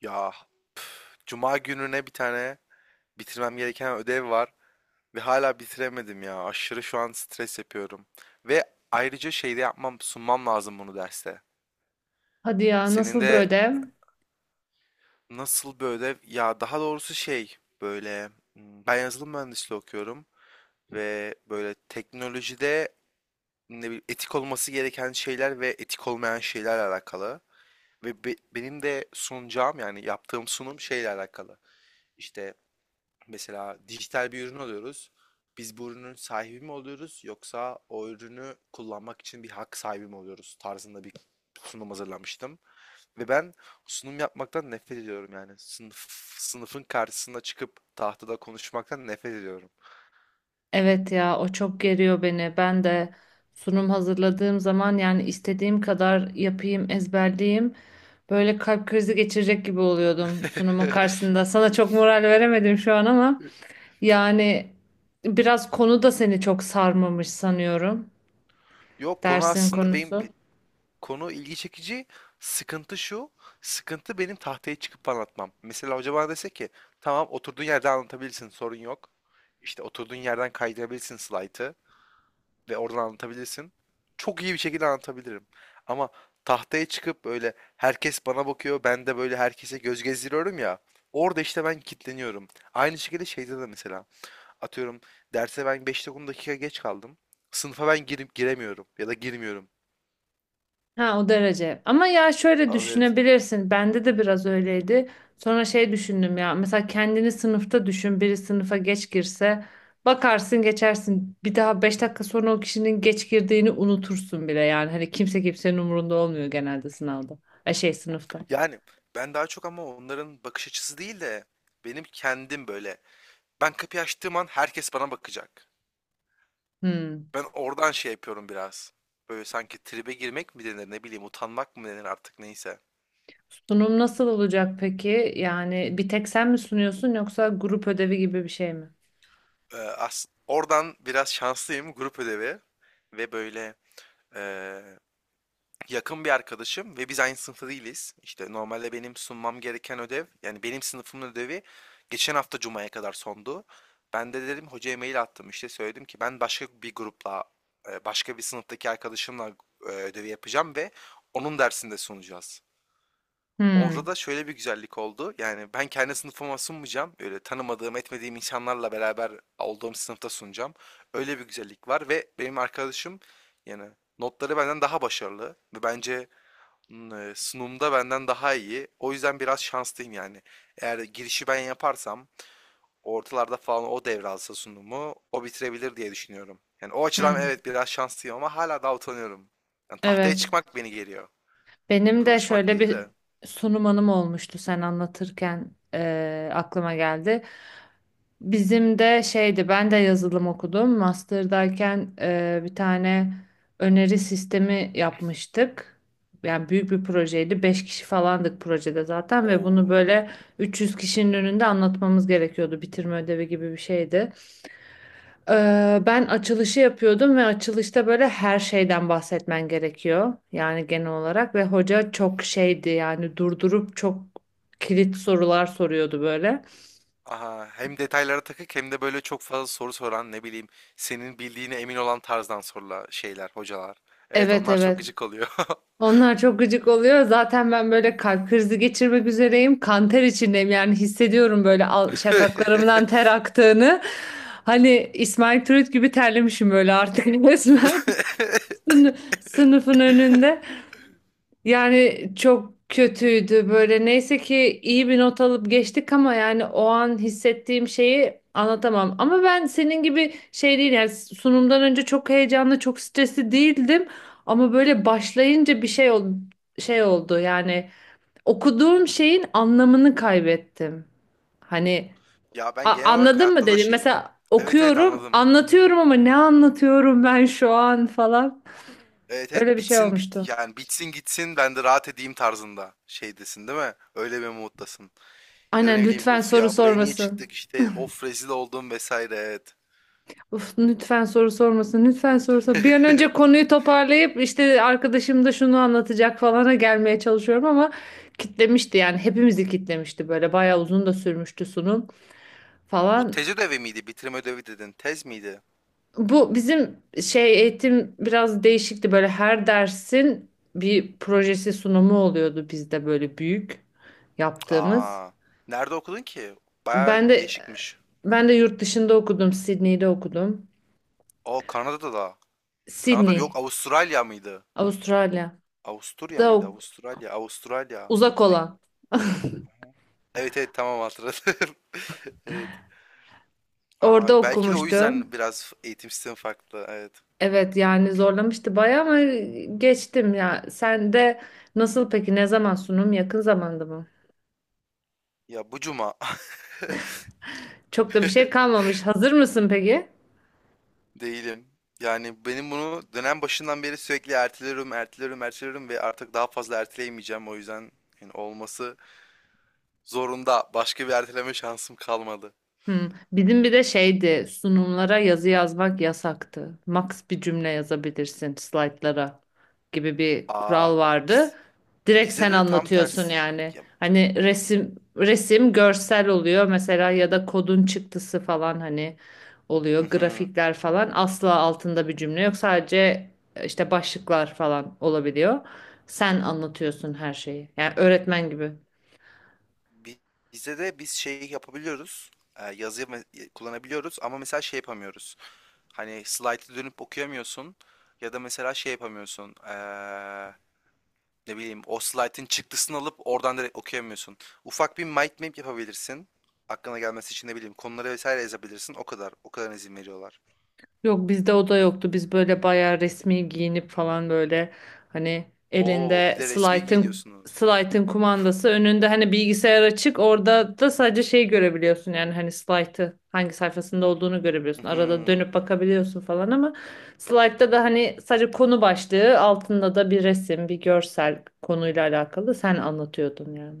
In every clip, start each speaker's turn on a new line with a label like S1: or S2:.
S1: Ya cuma gününe bir tane bitirmem gereken ödev var ve hala bitiremedim ya. Aşırı şu an stres yapıyorum. Ve ayrıca sunmam lazım bunu derste.
S2: Hadi ya
S1: Senin
S2: nasıl
S1: de
S2: böyle?
S1: nasıl bir ödev? Ya daha doğrusu şey böyle ben yazılım mühendisliği okuyorum ve böyle teknolojide ne bileyim, etik olması gereken şeyler ve etik olmayan şeylerle alakalı. Ve benim de sunacağım yani yaptığım sunum şeyle alakalı. İşte mesela dijital bir ürün alıyoruz. Biz bu ürünün sahibi mi oluyoruz yoksa o ürünü kullanmak için bir hak sahibi mi oluyoruz tarzında bir sunum hazırlamıştım. Ve ben sunum yapmaktan nefret ediyorum yani. Sınıfın karşısına çıkıp tahtada konuşmaktan nefret ediyorum.
S2: Evet ya o çok geriyor beni. Ben de sunum hazırladığım zaman yani istediğim kadar yapayım, ezberleyeyim. Böyle kalp krizi geçirecek gibi oluyordum sunumun karşısında. Sana çok moral veremedim şu an ama yani biraz konu da seni çok sarmamış sanıyorum.
S1: Yok, konu
S2: Dersin
S1: aslında
S2: konusu.
S1: konu ilgi çekici. Sıkıntı şu. Sıkıntı benim tahtaya çıkıp anlatmam. Mesela hoca bana dese ki tamam oturduğun yerde anlatabilirsin, sorun yok. İşte oturduğun yerden kaydırabilirsin slaytı ve oradan anlatabilirsin. Çok iyi bir şekilde anlatabilirim. Ama tahtaya çıkıp böyle herkes bana bakıyor, ben de böyle herkese göz gezdiriyorum ya. Orada işte ben kilitleniyorum. Aynı şekilde şeyde de mesela. Atıyorum derse ben 5-10 dakika geç kaldım. Sınıfa ben girip giremiyorum ya da girmiyorum.
S2: Ha o derece. Ama ya şöyle
S1: Evet.
S2: düşünebilirsin. Bende de biraz öyleydi. Sonra şey düşündüm ya. Mesela kendini sınıfta düşün. Biri sınıfa geç girse bakarsın geçersin. Bir daha 5 dakika sonra o kişinin geç girdiğini unutursun bile. Yani hani kimse kimsenin umurunda olmuyor genelde sınavda. E şey sınıfta.
S1: Yani ben daha çok ama onların bakış açısı değil de benim kendim böyle. Ben kapıyı açtığım an herkes bana bakacak.
S2: Hmm.
S1: Ben oradan şey yapıyorum biraz. Böyle sanki tribe girmek mi denir, ne bileyim, utanmak mı denir, artık neyse.
S2: Sunum nasıl olacak peki? Yani bir tek sen mi sunuyorsun yoksa grup ödevi gibi bir şey mi?
S1: As Oradan biraz şanslıyım, grup ödevi ve böyle eee, yakın bir arkadaşım ve biz aynı sınıfta değiliz. İşte normalde benim sunmam gereken ödev, yani benim sınıfımın ödevi, geçen hafta Cuma'ya kadar sondu. Ben de dedim, hocaya mail attım, işte söyledim ki ben başka bir grupla, başka bir sınıftaki arkadaşımla, ödevi yapacağım ve onun dersinde sunacağız.
S2: Hmm.
S1: Orada da şöyle bir güzellik oldu. Yani ben kendi sınıfıma sunmayacağım. Öyle tanımadığım, etmediğim insanlarla beraber olduğum sınıfta sunacağım. Öyle bir güzellik var ve benim arkadaşım, yani notları benden daha başarılı ve bence sunumda benden daha iyi. O yüzden biraz şanslıyım yani. Eğer girişi ben yaparsam, ortalarda falan o devralsa sunumu, o bitirebilir diye düşünüyorum. Yani o açıdan
S2: Hmm.
S1: evet biraz şanslıyım ama hala daha utanıyorum. Yani tahtaya
S2: Evet.
S1: çıkmak beni geriyor.
S2: Benim de
S1: Konuşmak
S2: şöyle
S1: değil
S2: bir
S1: de.
S2: sunum anım olmuştu sen anlatırken aklıma geldi. Bizim de şeydi ben de yazılım okudum. Master'dayken bir tane öneri sistemi yapmıştık. Yani büyük bir projeydi. 5 kişi falandık projede zaten ve bunu
S1: Oo.
S2: böyle 300 kişinin önünde anlatmamız gerekiyordu. Bitirme ödevi gibi bir şeydi. Ben açılışı yapıyordum ve açılışta böyle her şeyden bahsetmen gerekiyor. Yani genel olarak ve hoca çok şeydi yani durdurup çok kilit sorular soruyordu böyle.
S1: Aha, hem detaylara takık hem de böyle çok fazla soru soran, ne bileyim, senin bildiğine emin olan tarzdan sorular şeyler hocalar. Evet,
S2: Evet,
S1: onlar çok
S2: evet.
S1: gıcık oluyor.
S2: Onlar çok gıcık oluyor. Zaten ben böyle kalp krizi geçirmek üzereyim. Kan ter içindeyim yani hissediyorum böyle şakaklarımdan ter aktığını. Hani İsmail Türüt gibi terlemişim böyle artık resmen sınıfın önünde. Yani çok kötüydü böyle. Neyse ki iyi bir not alıp geçtik ama yani o an hissettiğim şeyi anlatamam. Ama ben senin gibi şey değil yani sunumdan önce çok heyecanlı, çok stresli değildim. Ama böyle başlayınca bir şey oldu, şey oldu yani okuduğum şeyin anlamını kaybettim. Hani
S1: Ya ben genel olarak
S2: anladın mı
S1: hayatta da
S2: dedim.
S1: şeyim.
S2: Mesela
S1: Evet evet
S2: okuyorum,
S1: anladım.
S2: anlatıyorum ama ne anlatıyorum ben şu an falan.
S1: Evet evet,
S2: Öyle bir şey
S1: bitsin
S2: olmuştu.
S1: bit yani bitsin gitsin, ben de rahat edeyim tarzında şeydesin değil mi? Öyle bir moddasın. Ya da ne
S2: Aynen
S1: bileyim,
S2: lütfen
S1: of
S2: soru
S1: ya, buraya niye
S2: sormasın.
S1: çıktık işte, of rezil oldum vesaire, evet.
S2: Uf, lütfen soru sormasın. Lütfen soru sor. Bir an önce konuyu toparlayıp işte arkadaşım da şunu anlatacak falana gelmeye çalışıyorum ama kitlemişti yani hepimizi kitlemişti böyle bayağı uzun da sürmüştü sunum
S1: Bu
S2: falan.
S1: tez ödevi miydi? Bitirme ödevi dedin. Tez miydi?
S2: Bu bizim şey eğitim biraz değişikti böyle her dersin bir projesi sunumu oluyordu bizde böyle büyük yaptığımız.
S1: Aa, nerede okudun ki? Baya
S2: Ben de
S1: değişikmiş.
S2: ben de yurt dışında okudum, Sydney'de okudum.
S1: O Kanada'da da. Kanada mı? Yok,
S2: Sydney,
S1: Avustralya mıydı?
S2: Avustralya.
S1: Avusturya
S2: Da
S1: mıydı? Avustralya. Avustralya.
S2: uzak
S1: Peki-
S2: olan.
S1: Evet evet tamam, hatırladım. Evet.
S2: Orada
S1: Aa, belki de o
S2: okumuştu.
S1: yüzden biraz eğitim sistemi farklı. Evet.
S2: Evet yani zorlamıştı bayağı ama geçtim ya. Sen de nasıl peki? Ne zaman sunum? Yakın zamanda mı?
S1: Ya, bu cuma.
S2: Çok da bir şey kalmamış. Hazır mısın peki?
S1: Değilim. Yani benim bunu dönem başından beri sürekli erteliyorum, erteliyorum, erteliyorum ve artık daha fazla erteleyemeyeceğim. O yüzden yani olması zorunda. Başka bir erteleme şansım kalmadı.
S2: Hı. Bizim bir de şeydi sunumlara yazı yazmak yasaktı. Max bir cümle yazabilirsin slaytlara gibi bir
S1: Aa,
S2: kural vardı.
S1: biz
S2: Direkt
S1: bizde
S2: sen
S1: de tam
S2: anlatıyorsun
S1: tersi.
S2: yani.
S1: Ya,
S2: Hani
S1: biz,
S2: resim görsel oluyor mesela ya da kodun çıktısı falan hani oluyor
S1: Mhm.
S2: grafikler falan asla altında bir cümle yok sadece işte başlıklar falan olabiliyor. Sen anlatıyorsun her şeyi. Yani öğretmen gibi.
S1: Bi- Bizde de biz şey yapabiliyoruz. Yazı kullanabiliyoruz ama mesela şey yapamıyoruz. Hani slaytı dönüp okuyamıyorsun ya da mesela şey yapamıyorsun. Ne bileyim, o slaytın çıktısını alıp oradan direkt okuyamıyorsun. Ufak bir mind map yapabilirsin. Aklına gelmesi için ne bileyim konuları vesaire yazabilirsin. O kadar. O kadar izin veriyorlar.
S2: Yok bizde o da yoktu. Biz böyle bayağı resmi giyinip falan böyle hani
S1: Oo,
S2: elinde
S1: bir de resmi
S2: slaytın
S1: giyiniyorsunuz.
S2: slaytın kumandası önünde hani bilgisayar açık orada da sadece şey görebiliyorsun yani hani slaytı hangi sayfasında olduğunu görebiliyorsun. Arada
S1: Mhm.
S2: dönüp bakabiliyorsun falan ama slaytta da hani sadece konu başlığı altında da bir resim bir görsel konuyla alakalı sen anlatıyordun yani.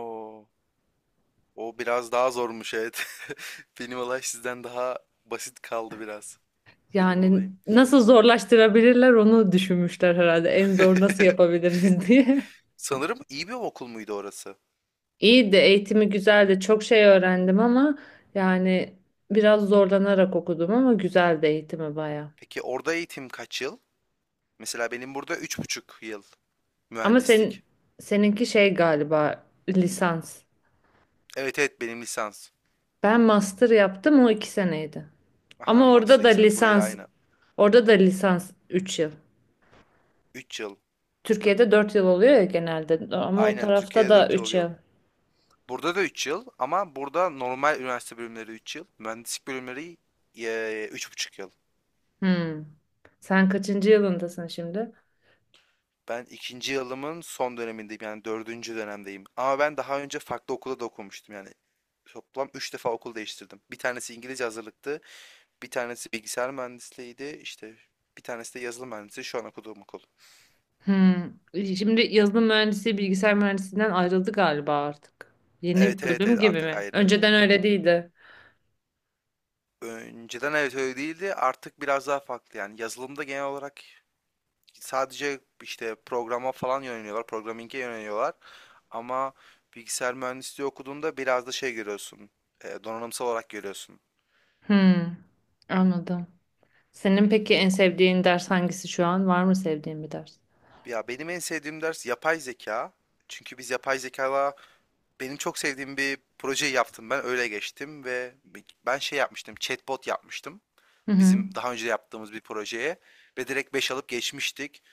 S1: Oo. O biraz daha zormuş evet. Benim olay sizden daha basit kaldı biraz. Benim
S2: Yani
S1: olayım.
S2: nasıl zorlaştırabilirler onu düşünmüşler herhalde en zor nasıl yapabiliriz diye.
S1: Sanırım iyi bir okul muydu orası?
S2: İyi de eğitimi güzeldi. Çok şey öğrendim ama yani biraz zorlanarak okudum ama güzeldi eğitimi baya.
S1: Peki orada eğitim kaç yıl? Mesela benim burada 3,5 yıl
S2: Ama senin
S1: mühendislik.
S2: seninki şey galiba lisans.
S1: Evet evet, benim lisans.
S2: Ben master yaptım o 2 seneydi.
S1: Aha,
S2: Ama
S1: master
S2: orada da
S1: ikisinin burayla
S2: lisans
S1: aynı.
S2: orada da lisans 3 yıl.
S1: 3 yıl.
S2: Türkiye'de 4 yıl oluyor ya genelde ama o
S1: Aynen,
S2: tarafta
S1: Türkiye'de
S2: da
S1: 4 yıl
S2: 3
S1: oluyor.
S2: yıl.
S1: Burada da 3 yıl ama burada normal üniversite bölümleri 3 yıl. Mühendislik bölümleri 3,5 yıl.
S2: Hmm. Sen kaçıncı yılındasın şimdi?
S1: Ben ikinci yılımın son dönemindeyim, yani dördüncü dönemdeyim. Ama ben daha önce farklı okulda da okumuştum yani. Toplam 3 defa okul değiştirdim. Bir tanesi İngilizce hazırlıktı, bir tanesi bilgisayar mühendisliğiydi, işte bir tanesi de yazılım mühendisliği şu an okuduğum okul.
S2: Hmm. Şimdi yazılım mühendisi bilgisayar mühendisliğinden ayrıldı galiba artık.
S1: Evet
S2: Yeni
S1: evet
S2: bölüm
S1: evet
S2: gibi
S1: artık
S2: mi?
S1: ayrı.
S2: Önceden öyle değildi.
S1: Önceden evet öyle değildi, artık biraz daha farklı. Yani yazılımda genel olarak sadece işte programa falan yöneliyorlar, programming'e yöneliyorlar. Ama bilgisayar mühendisliği okuduğunda biraz da şey görüyorsun, donanımsal olarak görüyorsun.
S2: Hmm. Anladım. Senin peki en sevdiğin ders hangisi şu an? Var mı sevdiğin bir ders?
S1: Ya benim en sevdiğim ders yapay zeka. Çünkü biz yapay zekayla benim çok sevdiğim bir projeyi yaptım. Ben öyle geçtim ve ben şey yapmıştım, chatbot yapmıştım.
S2: Hı hı.
S1: Bizim daha önce yaptığımız bir projeye ve direkt 5 alıp geçmiştik.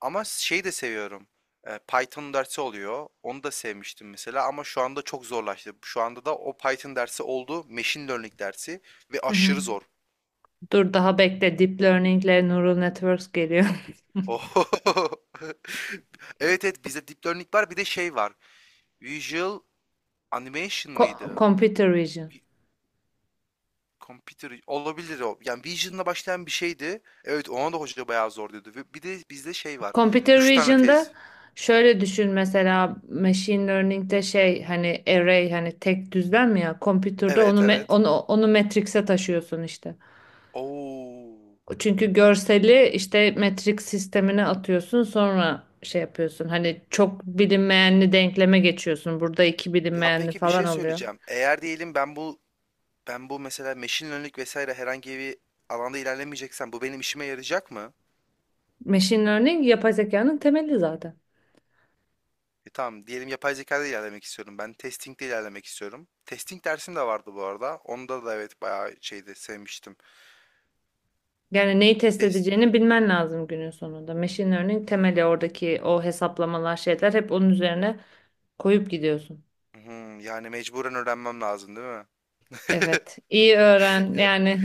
S1: Ama şeyi de seviyorum. E, Python dersi oluyor. Onu da sevmiştim mesela ama şu anda çok zorlaştı. Şu anda da o Python dersi oldu, machine learning dersi ve
S2: Hı hı.
S1: aşırı zor.
S2: Dur daha bekle. Deep Learning ile Neural Networks geliyor.
S1: Oh. Evet evet, bizde deep learning var, bir de şey var. Visual Animation mıydı?
S2: Computer Vision.
S1: Vi- Computer olabilir o. Yani Vision'la başlayan bir şeydi. Evet, ona da hoca bayağı zor diyordu. Ve bir de bizde şey var.
S2: Computer
S1: Üç tane
S2: Vision'da
S1: tez.
S2: şöyle düşün mesela machine learning'de şey hani array hani tek düzlem ya computer'da onu
S1: Evet evet.
S2: onu matrix'e taşıyorsun işte.
S1: Oo.
S2: Çünkü görseli işte metrik sistemine atıyorsun sonra şey yapıyorsun. Hani çok bilinmeyenli denkleme geçiyorsun. Burada iki
S1: Ya
S2: bilinmeyenli
S1: peki bir
S2: falan
S1: şey
S2: oluyor.
S1: söyleyeceğim. Eğer diyelim ben bu mesela machine learning vesaire herhangi bir alanda ilerlemeyeceksem bu benim işime yarayacak mı?
S2: Machine learning yapay zekanın temeli zaten.
S1: E tamam, diyelim yapay zekada ilerlemek istiyorum. Ben testing'de ilerlemek istiyorum. Testing dersim de vardı bu arada. Onda da evet bayağı şeydi, sevmiştim.
S2: Yani neyi test
S1: Test
S2: edeceğini bilmen lazım günün sonunda. Machine learning temeli oradaki o hesaplamalar şeyler hep onun üzerine koyup gidiyorsun.
S1: Hımm, yani mecburen öğrenmem lazım değil mi?
S2: Evet, iyi öğren
S1: Ya
S2: yani.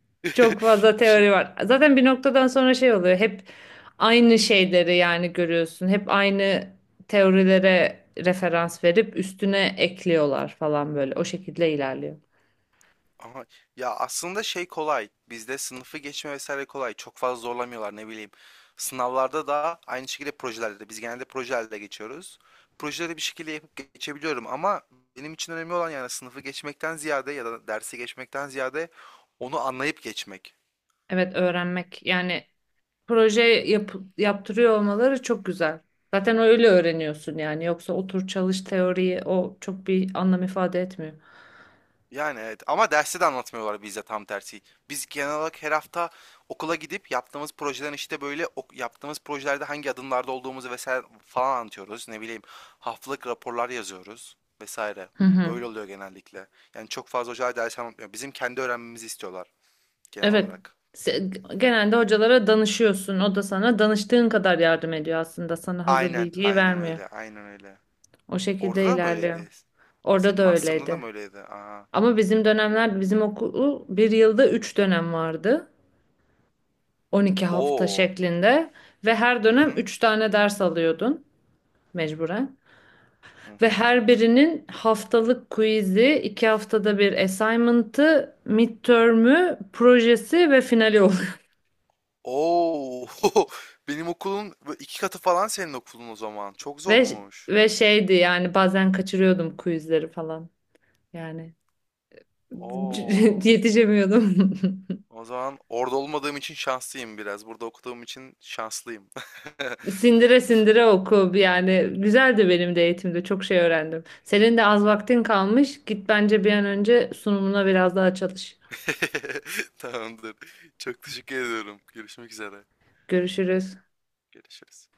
S2: Çok fazla
S1: bir şey
S2: teori var. Zaten bir noktadan sonra şey oluyor. Hep aynı şeyleri yani görüyorsun. Hep aynı teorilere referans verip üstüne ekliyorlar falan böyle. O şekilde ilerliyor.
S1: Aha, ya aslında şey kolay. Bizde sınıfı geçme vesaire kolay. Çok fazla zorlamıyorlar ne bileyim. Sınavlarda da aynı şekilde, projelerde de. Biz genelde projelerde geçiyoruz. Projeleri bir şekilde yapıp geçebiliyorum ama benim için önemli olan yani sınıfı geçmekten ziyade ya da dersi geçmekten ziyade onu anlayıp geçmek.
S2: Evet, öğrenmek yani proje yaptırıyor olmaları çok güzel. Zaten öyle öğreniyorsun yani. Yoksa otur çalış teoriyi o çok bir anlam ifade etmiyor.
S1: Yani evet ama derste de anlatmıyorlar bize, tam tersi. Biz genel olarak her hafta okula gidip yaptığımız projelerin işte böyle yaptığımız projelerde hangi adımlarda olduğumuzu vesaire falan anlatıyoruz. Ne bileyim, haftalık raporlar yazıyoruz vesaire.
S2: Hı hı.
S1: Böyle oluyor genellikle. Yani çok fazla hocalar ders anlatmıyor. Bizim kendi öğrenmemizi istiyorlar genel
S2: Evet.
S1: olarak.
S2: Se- Genelde hocalara danışıyorsun. O da sana danıştığın kadar yardım ediyor aslında. Sana hazır
S1: Aynen,
S2: bilgiyi
S1: aynen
S2: vermiyor.
S1: öyle, aynen öyle.
S2: O
S1: Orada
S2: şekilde
S1: da mı
S2: ilerliyor.
S1: öyleydi?
S2: Orada
S1: Senin
S2: da
S1: master'ında da mı
S2: öyleydi.
S1: öyleydi? Aa.
S2: Ama bizim okulu bir yılda 3 dönem vardı. 12 hafta
S1: Oo.
S2: şeklinde. Ve her
S1: Hı
S2: dönem
S1: hı.
S2: 3 tane ders alıyordun mecburen.
S1: Hı
S2: Ve
S1: hı.
S2: her birinin haftalık quiz'i, 2 haftada bir assignment'ı, midterm'ü, projesi ve finali.
S1: O! Benim okulun bö 2 katı falan senin okulun o zaman. Çok
S2: Ve
S1: zormuş.
S2: ve şeydi yani bazen kaçırıyordum quizleri falan. Yani
S1: O!
S2: yetişemiyordum.
S1: O zaman orada olmadığım için şanslıyım biraz. Burada okuduğum için şanslıyım.
S2: Sindire sindire oku yani güzeldi benim de eğitimde çok şey öğrendim. Senin de az vaktin kalmış. Git bence bir an önce sunumuna biraz daha çalış.
S1: Tamamdır. Çok teşekkür ediyorum. Görüşmek üzere.
S2: Görüşürüz.
S1: Görüşürüz.